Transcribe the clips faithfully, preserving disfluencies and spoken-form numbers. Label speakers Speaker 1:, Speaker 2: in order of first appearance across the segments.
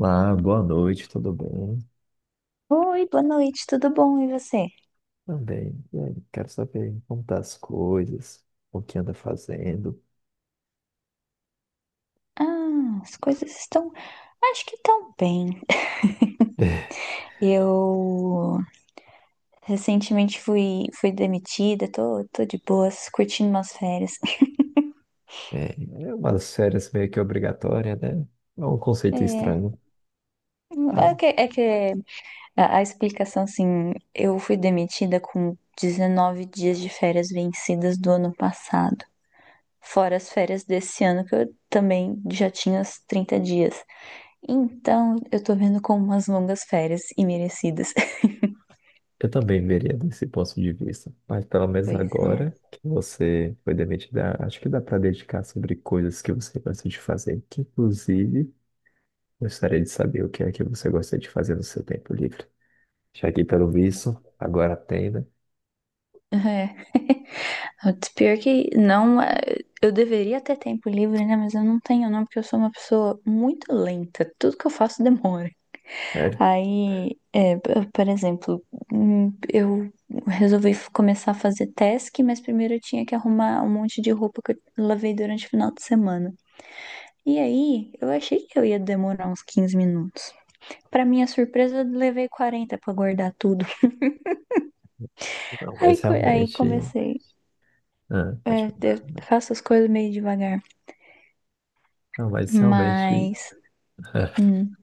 Speaker 1: Ah, boa noite, tudo bem?
Speaker 2: Oi, boa noite, tudo bom? E você?
Speaker 1: Também. E aí, quero saber como tá as coisas, o que anda fazendo.
Speaker 2: Ah, as coisas estão, acho que estão bem. Eu recentemente fui, fui demitida, tô, tô de boas, curtindo umas férias.
Speaker 1: É, é umas férias meio que obrigatória, né? É um conceito
Speaker 2: É,
Speaker 1: estranho.
Speaker 2: é
Speaker 1: Ah,
Speaker 2: que, é que a, a explicação, assim, eu fui demitida com dezenove dias de férias vencidas do ano passado. Fora as férias desse ano, que eu também já tinha os trinta dias. Então, eu tô vendo como umas longas férias e merecidas.
Speaker 1: eu também veria desse ponto de vista. Mas pelo menos
Speaker 2: Pois
Speaker 1: agora
Speaker 2: é.
Speaker 1: que você foi demitida, acho que dá para dedicar sobre coisas que você gosta de fazer. Que, inclusive, gostaria de saber o que é que você gosta de fazer no seu tempo livre. Já que, pelo visto, agora tem, né?
Speaker 2: É, o pior que não, é, eu deveria ter tempo livre, né? Mas eu não tenho, não, porque eu sou uma pessoa muito lenta. Tudo que eu faço demora.
Speaker 1: Sério?
Speaker 2: Aí, é, p- por exemplo, hum, eu resolvi f- começar a fazer task, mas primeiro eu tinha que arrumar um monte de roupa que eu lavei durante o final de semana. E aí, eu achei que eu ia demorar uns quinze minutos. Pra minha surpresa, eu levei quarenta pra guardar tudo.
Speaker 1: Não,
Speaker 2: Aí,
Speaker 1: mas
Speaker 2: co- aí
Speaker 1: realmente.
Speaker 2: comecei.
Speaker 1: Ah,
Speaker 2: É, eu
Speaker 1: praticamente.
Speaker 2: faço as coisas meio devagar.
Speaker 1: Não, mas realmente
Speaker 2: Mas, hum,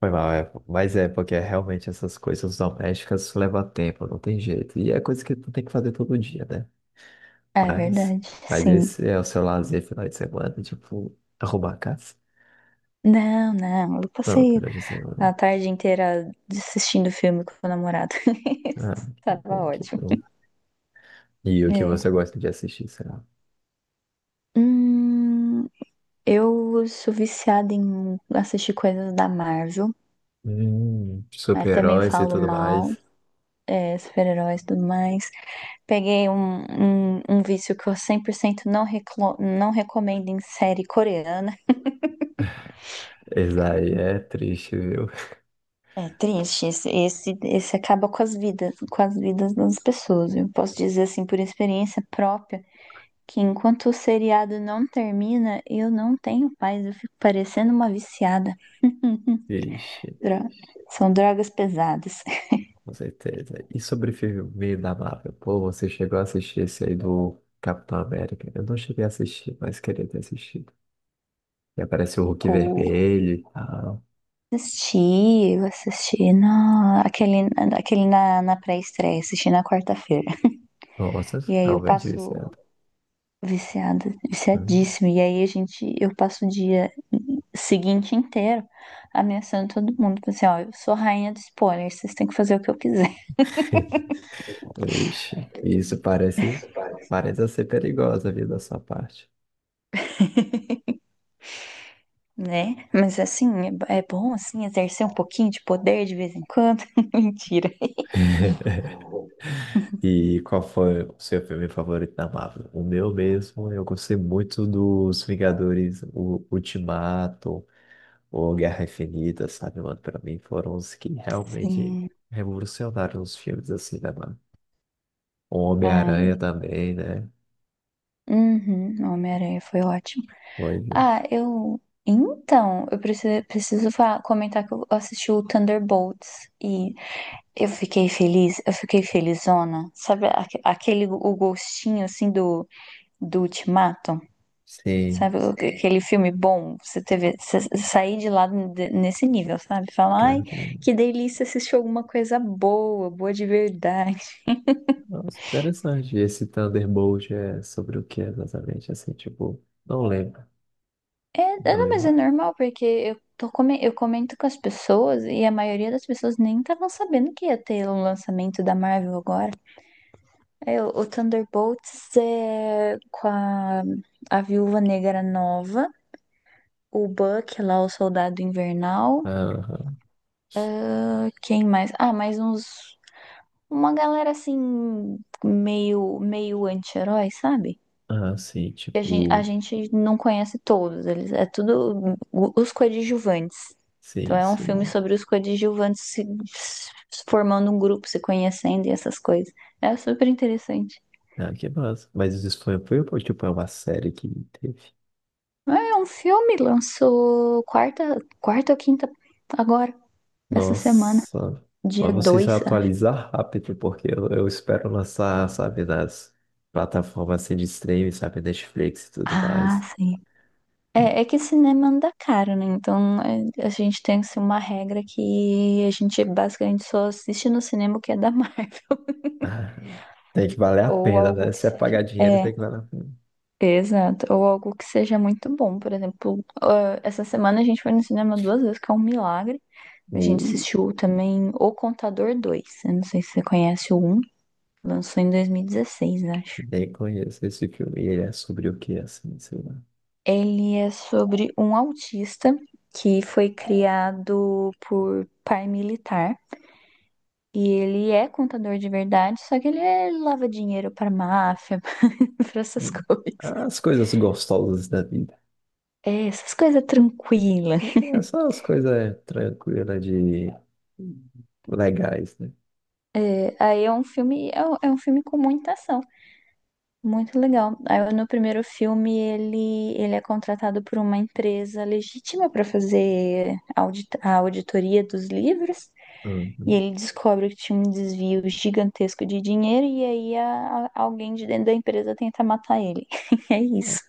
Speaker 1: foi mal, é. Mas é porque realmente essas coisas domésticas levam tempo, não tem jeito. E é coisa que tu tem que fazer todo dia, né?
Speaker 2: é
Speaker 1: Mas,
Speaker 2: verdade,
Speaker 1: mas
Speaker 2: sim.
Speaker 1: esse é o seu lazer final de semana, tipo, arrumar a casa?
Speaker 2: Não, não, eu
Speaker 1: Não,
Speaker 2: passei
Speaker 1: durante a semana.
Speaker 2: a tarde inteira assistindo filme com o namorado.
Speaker 1: Ah, que
Speaker 2: Tava
Speaker 1: bom, que
Speaker 2: ótimo.
Speaker 1: bom. E o que
Speaker 2: É.
Speaker 1: você gosta de assistir, será?
Speaker 2: Hum, eu sou viciada em assistir coisas da Marvel.
Speaker 1: Hum,
Speaker 2: Mas também eu
Speaker 1: super-heróis e
Speaker 2: falo
Speaker 1: tudo
Speaker 2: mal,
Speaker 1: mais.
Speaker 2: é, super-heróis e tudo mais. Peguei um, um, um vício que eu cem por cento não, reclo- não recomendo em série coreana.
Speaker 1: Isso aí é triste, viu?
Speaker 2: É triste, esse, esse, esse acaba com as vidas, com as vidas das pessoas. Eu posso dizer assim por experiência própria, que enquanto o seriado não termina, eu não tenho paz, eu fico parecendo uma viciada.
Speaker 1: Ixi.
Speaker 2: Dro- São drogas pesadas.
Speaker 1: Com certeza. E sobre filme da Marvel? Pô, você chegou a assistir esse aí do Capitão América? Eu não cheguei a assistir, mas queria ter assistido. E aparece o Hulk
Speaker 2: Ou
Speaker 1: Vermelho e tal.
Speaker 2: assisti, eu assisti na, aquele, aquele na, na pré-estreia, assisti na quarta-feira.
Speaker 1: Nossa,
Speaker 2: E aí eu
Speaker 1: realmente
Speaker 2: passo
Speaker 1: viciado.
Speaker 2: viciada,
Speaker 1: Hum.
Speaker 2: viciadíssima. E aí a gente, eu passo o dia seguinte inteiro ameaçando todo mundo. Falei assim, ó, eu sou rainha do spoiler, vocês têm que fazer o que eu quiser,
Speaker 1: Vixe, isso parece, parece ser perigosa a vida da sua parte.
Speaker 2: né? Mas assim, é, é bom assim exercer um pouquinho de poder de vez em quando. Mentira.
Speaker 1: E qual foi o seu filme favorito da Marvel? O meu mesmo, eu gostei muito dos Vingadores, o Ultimato, o Guerra Infinita, sabe, mano? Pra mim foram os que realmente
Speaker 2: Sim.
Speaker 1: revolucionaram os filmes assim, né, mano? O Homem-Aranha
Speaker 2: Ai.
Speaker 1: também, né?
Speaker 2: Uhum, Homem-Aranha foi ótimo.
Speaker 1: Foi, né?
Speaker 2: Ah, eu. Então, eu preciso, preciso fa- comentar que eu assisti o Thunderbolts e eu fiquei feliz, eu fiquei felizona. Sabe aque- aquele o gostinho assim do, do Ultimato?
Speaker 1: Sim,
Speaker 2: Sabe, o- Sei. Aquele filme bom, você teve, você sair de lá de- nesse nível, sabe? Falar, ai,
Speaker 1: cara.
Speaker 2: que delícia assistir alguma coisa boa, boa de verdade.
Speaker 1: Nossa, que interessante. E esse Thunderbolt é sobre o que exatamente? Assim, tipo, não lembro.
Speaker 2: É, é,
Speaker 1: Não
Speaker 2: não, mas é
Speaker 1: lembro.
Speaker 2: normal, porque eu, tô, come- eu comento com as pessoas e a maioria das pessoas nem estavam sabendo que ia ter o lançamento da Marvel agora. É, o, o Thunderbolts é com a, a Viúva Negra nova, o Buck lá, o Soldado Invernal.
Speaker 1: Aham.
Speaker 2: Ah, quem mais? Ah, mais uns. Uma galera assim, meio, meio anti-herói, sabe?
Speaker 1: Ah, sim,
Speaker 2: Que A gente, a
Speaker 1: tipo,
Speaker 2: gente não conhece todos, eles é tudo o- os coadjuvantes. Então
Speaker 1: sim,
Speaker 2: é um filme
Speaker 1: sim.
Speaker 2: sobre os coadjuvantes se, se formando um grupo, se conhecendo e essas coisas. É super interessante.
Speaker 1: Ah, que massa. Mas isso foi, foi, tipo, é uma série que teve.
Speaker 2: É um filme, lançou quarta, quarta ou quinta agora, essa semana,
Speaker 1: Nossa,
Speaker 2: dia
Speaker 1: mas você se
Speaker 2: dois acho.
Speaker 1: atualizar rápido, porque eu, eu espero lançar, sabe, nas plataformas assim, de streaming, sabe, Netflix e tudo
Speaker 2: Ah,
Speaker 1: mais.
Speaker 2: sim. É, é que cinema anda caro, né? Então é, a gente tem assim, uma regra que a gente basicamente só assiste no cinema o que é da Marvel.
Speaker 1: Ah, tem que valer a
Speaker 2: Ou
Speaker 1: pena,
Speaker 2: algo
Speaker 1: né?
Speaker 2: que
Speaker 1: Se é
Speaker 2: seja.
Speaker 1: pagar dinheiro, tem
Speaker 2: É,
Speaker 1: que valer a pena.
Speaker 2: exato. Ou algo que seja muito bom. Por exemplo, ah, essa semana a gente foi no cinema duas vezes, que é um milagre. A gente
Speaker 1: Ui,
Speaker 2: assistiu também O Contador dois. Eu não sei se você conhece o um. Lançou em dois mil e dezesseis, acho.
Speaker 1: nem conheço esse filme. E ele é sobre o que, assim, sei lá.
Speaker 2: Ele é sobre um autista que foi criado por paramilitar. E ele é contador de verdade, só que ele é- lava dinheiro pra máfia, pra essas
Speaker 1: Hum.
Speaker 2: coisas.
Speaker 1: As coisas gostosas da vida.
Speaker 2: É, essas coisas tranquilas.
Speaker 1: É só as coisas tranquilas de legais, né?
Speaker 2: É, aí é um filme, é, um é um filme com muita ação, muito legal. Aí no primeiro filme ele, ele é contratado por uma empresa legítima pra fazer audit a auditoria dos livros. E
Speaker 1: Uhum.
Speaker 2: ele descobre que tinha um desvio gigantesco de dinheiro, e aí a- a- alguém de dentro da empresa tenta matar ele. É isso.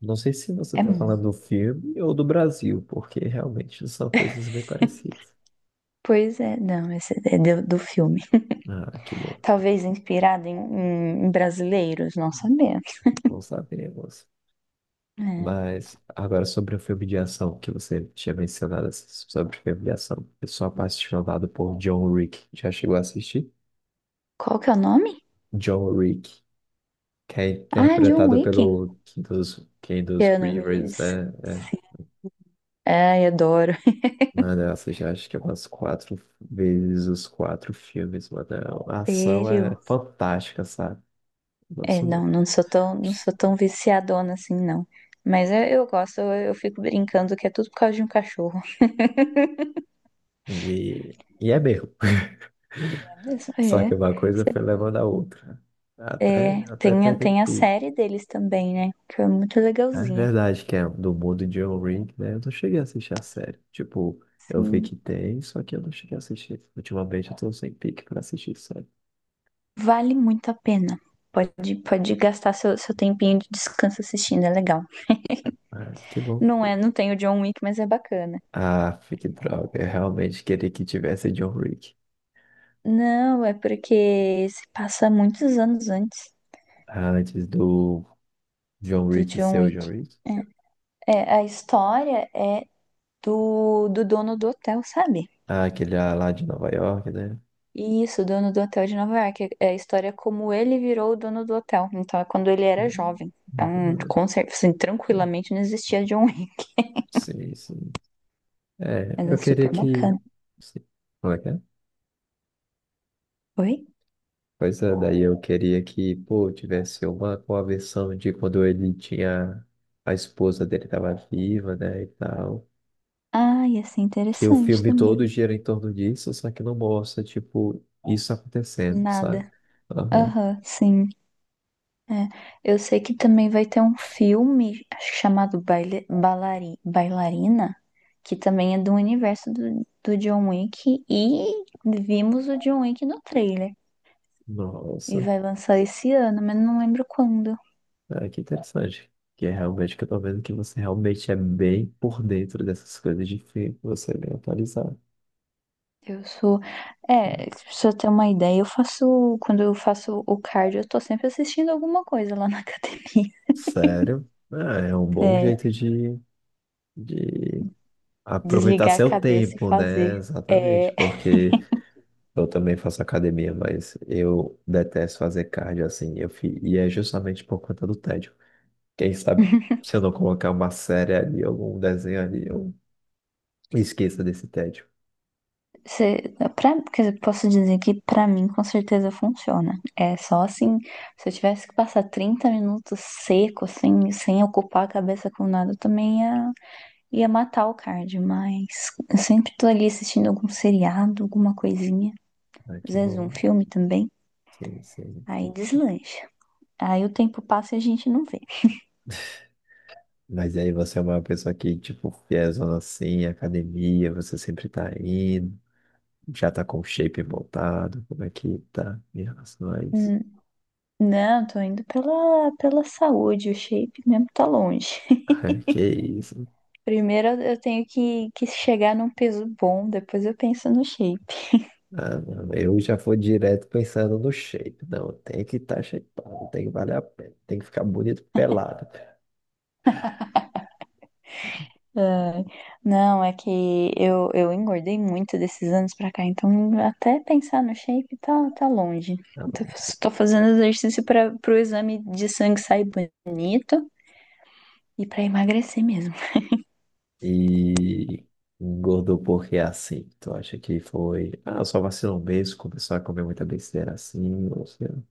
Speaker 1: Não sei se você
Speaker 2: É.
Speaker 1: está falando do filme ou do Brasil, porque realmente são coisas bem parecidas.
Speaker 2: Pois é, não, esse é do, do filme.
Speaker 1: Ah, que bom.
Speaker 2: Talvez inspirado em, em- brasileiros, não sabemos.
Speaker 1: Bom saber, moça.
Speaker 2: É.
Speaker 1: Mas agora sobre o filme de ação que você tinha mencionado assim, sobre o filme de ação. Eu sou apaixonado por John Wick. Já chegou a assistir?
Speaker 2: Qual que é o nome?
Speaker 1: John Wick, que é
Speaker 2: Ah, John
Speaker 1: interpretado
Speaker 2: Wick.
Speaker 1: pelo Kendall Kendall
Speaker 2: Keanu
Speaker 1: Rivers,
Speaker 2: Reeves.
Speaker 1: né?
Speaker 2: Sim.
Speaker 1: É.
Speaker 2: Ai, adoro.
Speaker 1: Mano, eu assisti acho que umas quatro vezes os quatro filmes, mano. A ação é
Speaker 2: Sério?
Speaker 1: fantástica, sabe?
Speaker 2: É,
Speaker 1: Nossa,
Speaker 2: não, não sou tão, não sou tão viciadona assim, não. Mas eu, eu gosto, eu, eu fico brincando que é tudo por causa de um cachorro.
Speaker 1: E, e é mesmo.
Speaker 2: É mesmo?
Speaker 1: Só que
Speaker 2: É.
Speaker 1: uma coisa foi levando a outra.
Speaker 2: É,
Speaker 1: Até, até
Speaker 2: tem, a-
Speaker 1: perder
Speaker 2: tem a
Speaker 1: tudo.
Speaker 2: série deles também, né? Que é muito
Speaker 1: É
Speaker 2: legalzinha.
Speaker 1: verdade que é do mundo de John Ring, né? Eu não cheguei a assistir a série. Tipo, eu vi que
Speaker 2: Sim.
Speaker 1: tem, só que eu não cheguei a assistir. Ultimamente eu tô sem pique pra assistir série.
Speaker 2: Vale muito a pena. Pode, pode gastar seu, seu tempinho de descanso assistindo, é legal.
Speaker 1: Ah, que bom.
Speaker 2: Não é, não tem o John Wick, mas é bacana.
Speaker 1: Ah, que droga. Eu realmente queria que tivesse John Wick.
Speaker 2: Não, é porque se passa muitos anos antes
Speaker 1: Antes do John
Speaker 2: do
Speaker 1: Wick
Speaker 2: John
Speaker 1: ser o
Speaker 2: Wick.
Speaker 1: John Wick.
Speaker 2: É, é, a história é do, do dono do hotel, sabe?
Speaker 1: Ah, aquele lá de Nova York, né?
Speaker 2: Isso, o dono do hotel de Nova York. É a história como ele virou o dono do hotel. Então é quando ele era
Speaker 1: Não,
Speaker 2: jovem.
Speaker 1: não é que não
Speaker 2: Então,
Speaker 1: é.
Speaker 2: com certeza, assim, tranquilamente não existia John Wick.
Speaker 1: Sim, sim. É,
Speaker 2: Mas é
Speaker 1: eu queria
Speaker 2: super
Speaker 1: que.
Speaker 2: bacana.
Speaker 1: se- Como é que é?
Speaker 2: Oi?
Speaker 1: Pois é, daí eu queria que, pô, tivesse uma conversão de quando ele tinha. A esposa dele tava viva, né, e tal.
Speaker 2: Ah, ia ser
Speaker 1: Que o
Speaker 2: interessante
Speaker 1: filme
Speaker 2: também.
Speaker 1: todo gira em torno disso, só que não mostra, tipo, isso acontecendo, sabe?
Speaker 2: Nada.
Speaker 1: Aham.
Speaker 2: Aham, sim. É. Eu sei que também vai ter um filme, acho que chamado Baile, Balari, Bailarina, que também é do universo do, do John Wick, e vimos o John Wick no trailer. E
Speaker 1: Nossa,
Speaker 2: vai lançar esse ano, mas não lembro quando.
Speaker 1: é, que interessante. Que é realmente que eu tô vendo que você realmente é bem por dentro dessas coisas de filme, você é bem atualizado.
Speaker 2: Eu sou. É, se eu ter uma ideia, eu faço. Quando eu faço o cardio, eu tô sempre assistindo alguma coisa lá na academia.
Speaker 1: Sério? Ah, é um bom
Speaker 2: É,
Speaker 1: jeito de. De aproveitar
Speaker 2: desligar a
Speaker 1: seu
Speaker 2: cabeça e
Speaker 1: tempo,
Speaker 2: fazer.
Speaker 1: né? Exatamente,
Speaker 2: É.
Speaker 1: porque eu também faço academia, mas eu detesto fazer cardio assim, eu fi... e é justamente por conta do tédio. Quem sabe se eu não colocar uma série ali, algum desenho ali, eu esqueça desse tédio.
Speaker 2: Se, pra, quer dizer, posso dizer que pra mim com certeza funciona. É só assim, se eu tivesse que passar trinta minutos seco, sem, sem ocupar a cabeça com nada, eu também ia, ia matar o cardio, mas eu sempre tô ali assistindo algum seriado, alguma coisinha,
Speaker 1: Ah,
Speaker 2: às
Speaker 1: que
Speaker 2: vezes um
Speaker 1: bom.
Speaker 2: filme também,
Speaker 1: Sim, sim.
Speaker 2: aí deslancha. Aí o tempo passa e a gente não vê.
Speaker 1: Mas aí você é uma pessoa que, tipo, fiézona assim, academia, você sempre tá indo, já tá com o shape voltado, como é que tá em relação a isso?
Speaker 2: Hum, Não, tô indo pela, pela saúde, o shape mesmo tá longe.
Speaker 1: Que isso.
Speaker 2: Primeiro eu tenho que, que chegar num peso bom, depois eu penso no shape.
Speaker 1: Ah, não, eu já vou direto pensando no shape. Não, tem que estar tá shapeado, tem que valer a pena, tem que ficar bonito pelado.
Speaker 2: Ai, não, é que eu, eu engordei muito desses anos pra cá, então até pensar no shape tá, tá longe.
Speaker 1: Ah,
Speaker 2: Tô,
Speaker 1: não.
Speaker 2: tô fazendo exercício para pro exame de sangue sair bonito e pra emagrecer mesmo.
Speaker 1: E engordou porque é assim. Tu acha que foi, ah, só vacilou um mês, começou a comer muita besteira assim, ou seja,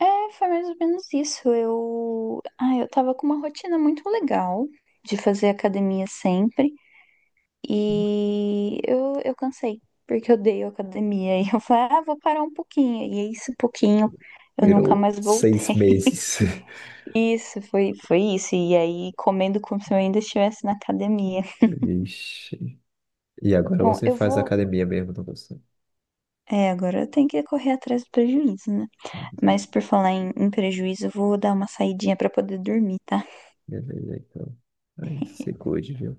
Speaker 2: É, foi mais ou menos isso. Eu, ah, eu tava com uma rotina muito legal de fazer academia sempre. E eu, eu cansei, porque eu dei academia. E eu falei, ah, vou parar um pouquinho. E esse pouquinho eu nunca
Speaker 1: virou
Speaker 2: mais
Speaker 1: seis
Speaker 2: voltei.
Speaker 1: meses.
Speaker 2: Isso, foi, foi isso. E aí, comendo como se eu ainda estivesse na academia.
Speaker 1: Vixe. E agora
Speaker 2: Bom,
Speaker 1: você
Speaker 2: eu
Speaker 1: faz
Speaker 2: vou.
Speaker 1: academia mesmo, não você?
Speaker 2: É, agora eu tenho que correr atrás do prejuízo, né? Mas por falar em, em prejuízo, eu vou dar uma saidinha pra poder dormir, tá?
Speaker 1: Beleza, então. Aí se cuide, viu?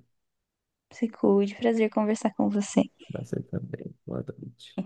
Speaker 2: Se cuide, prazer conversar com você.
Speaker 1: Você também. Boa noite.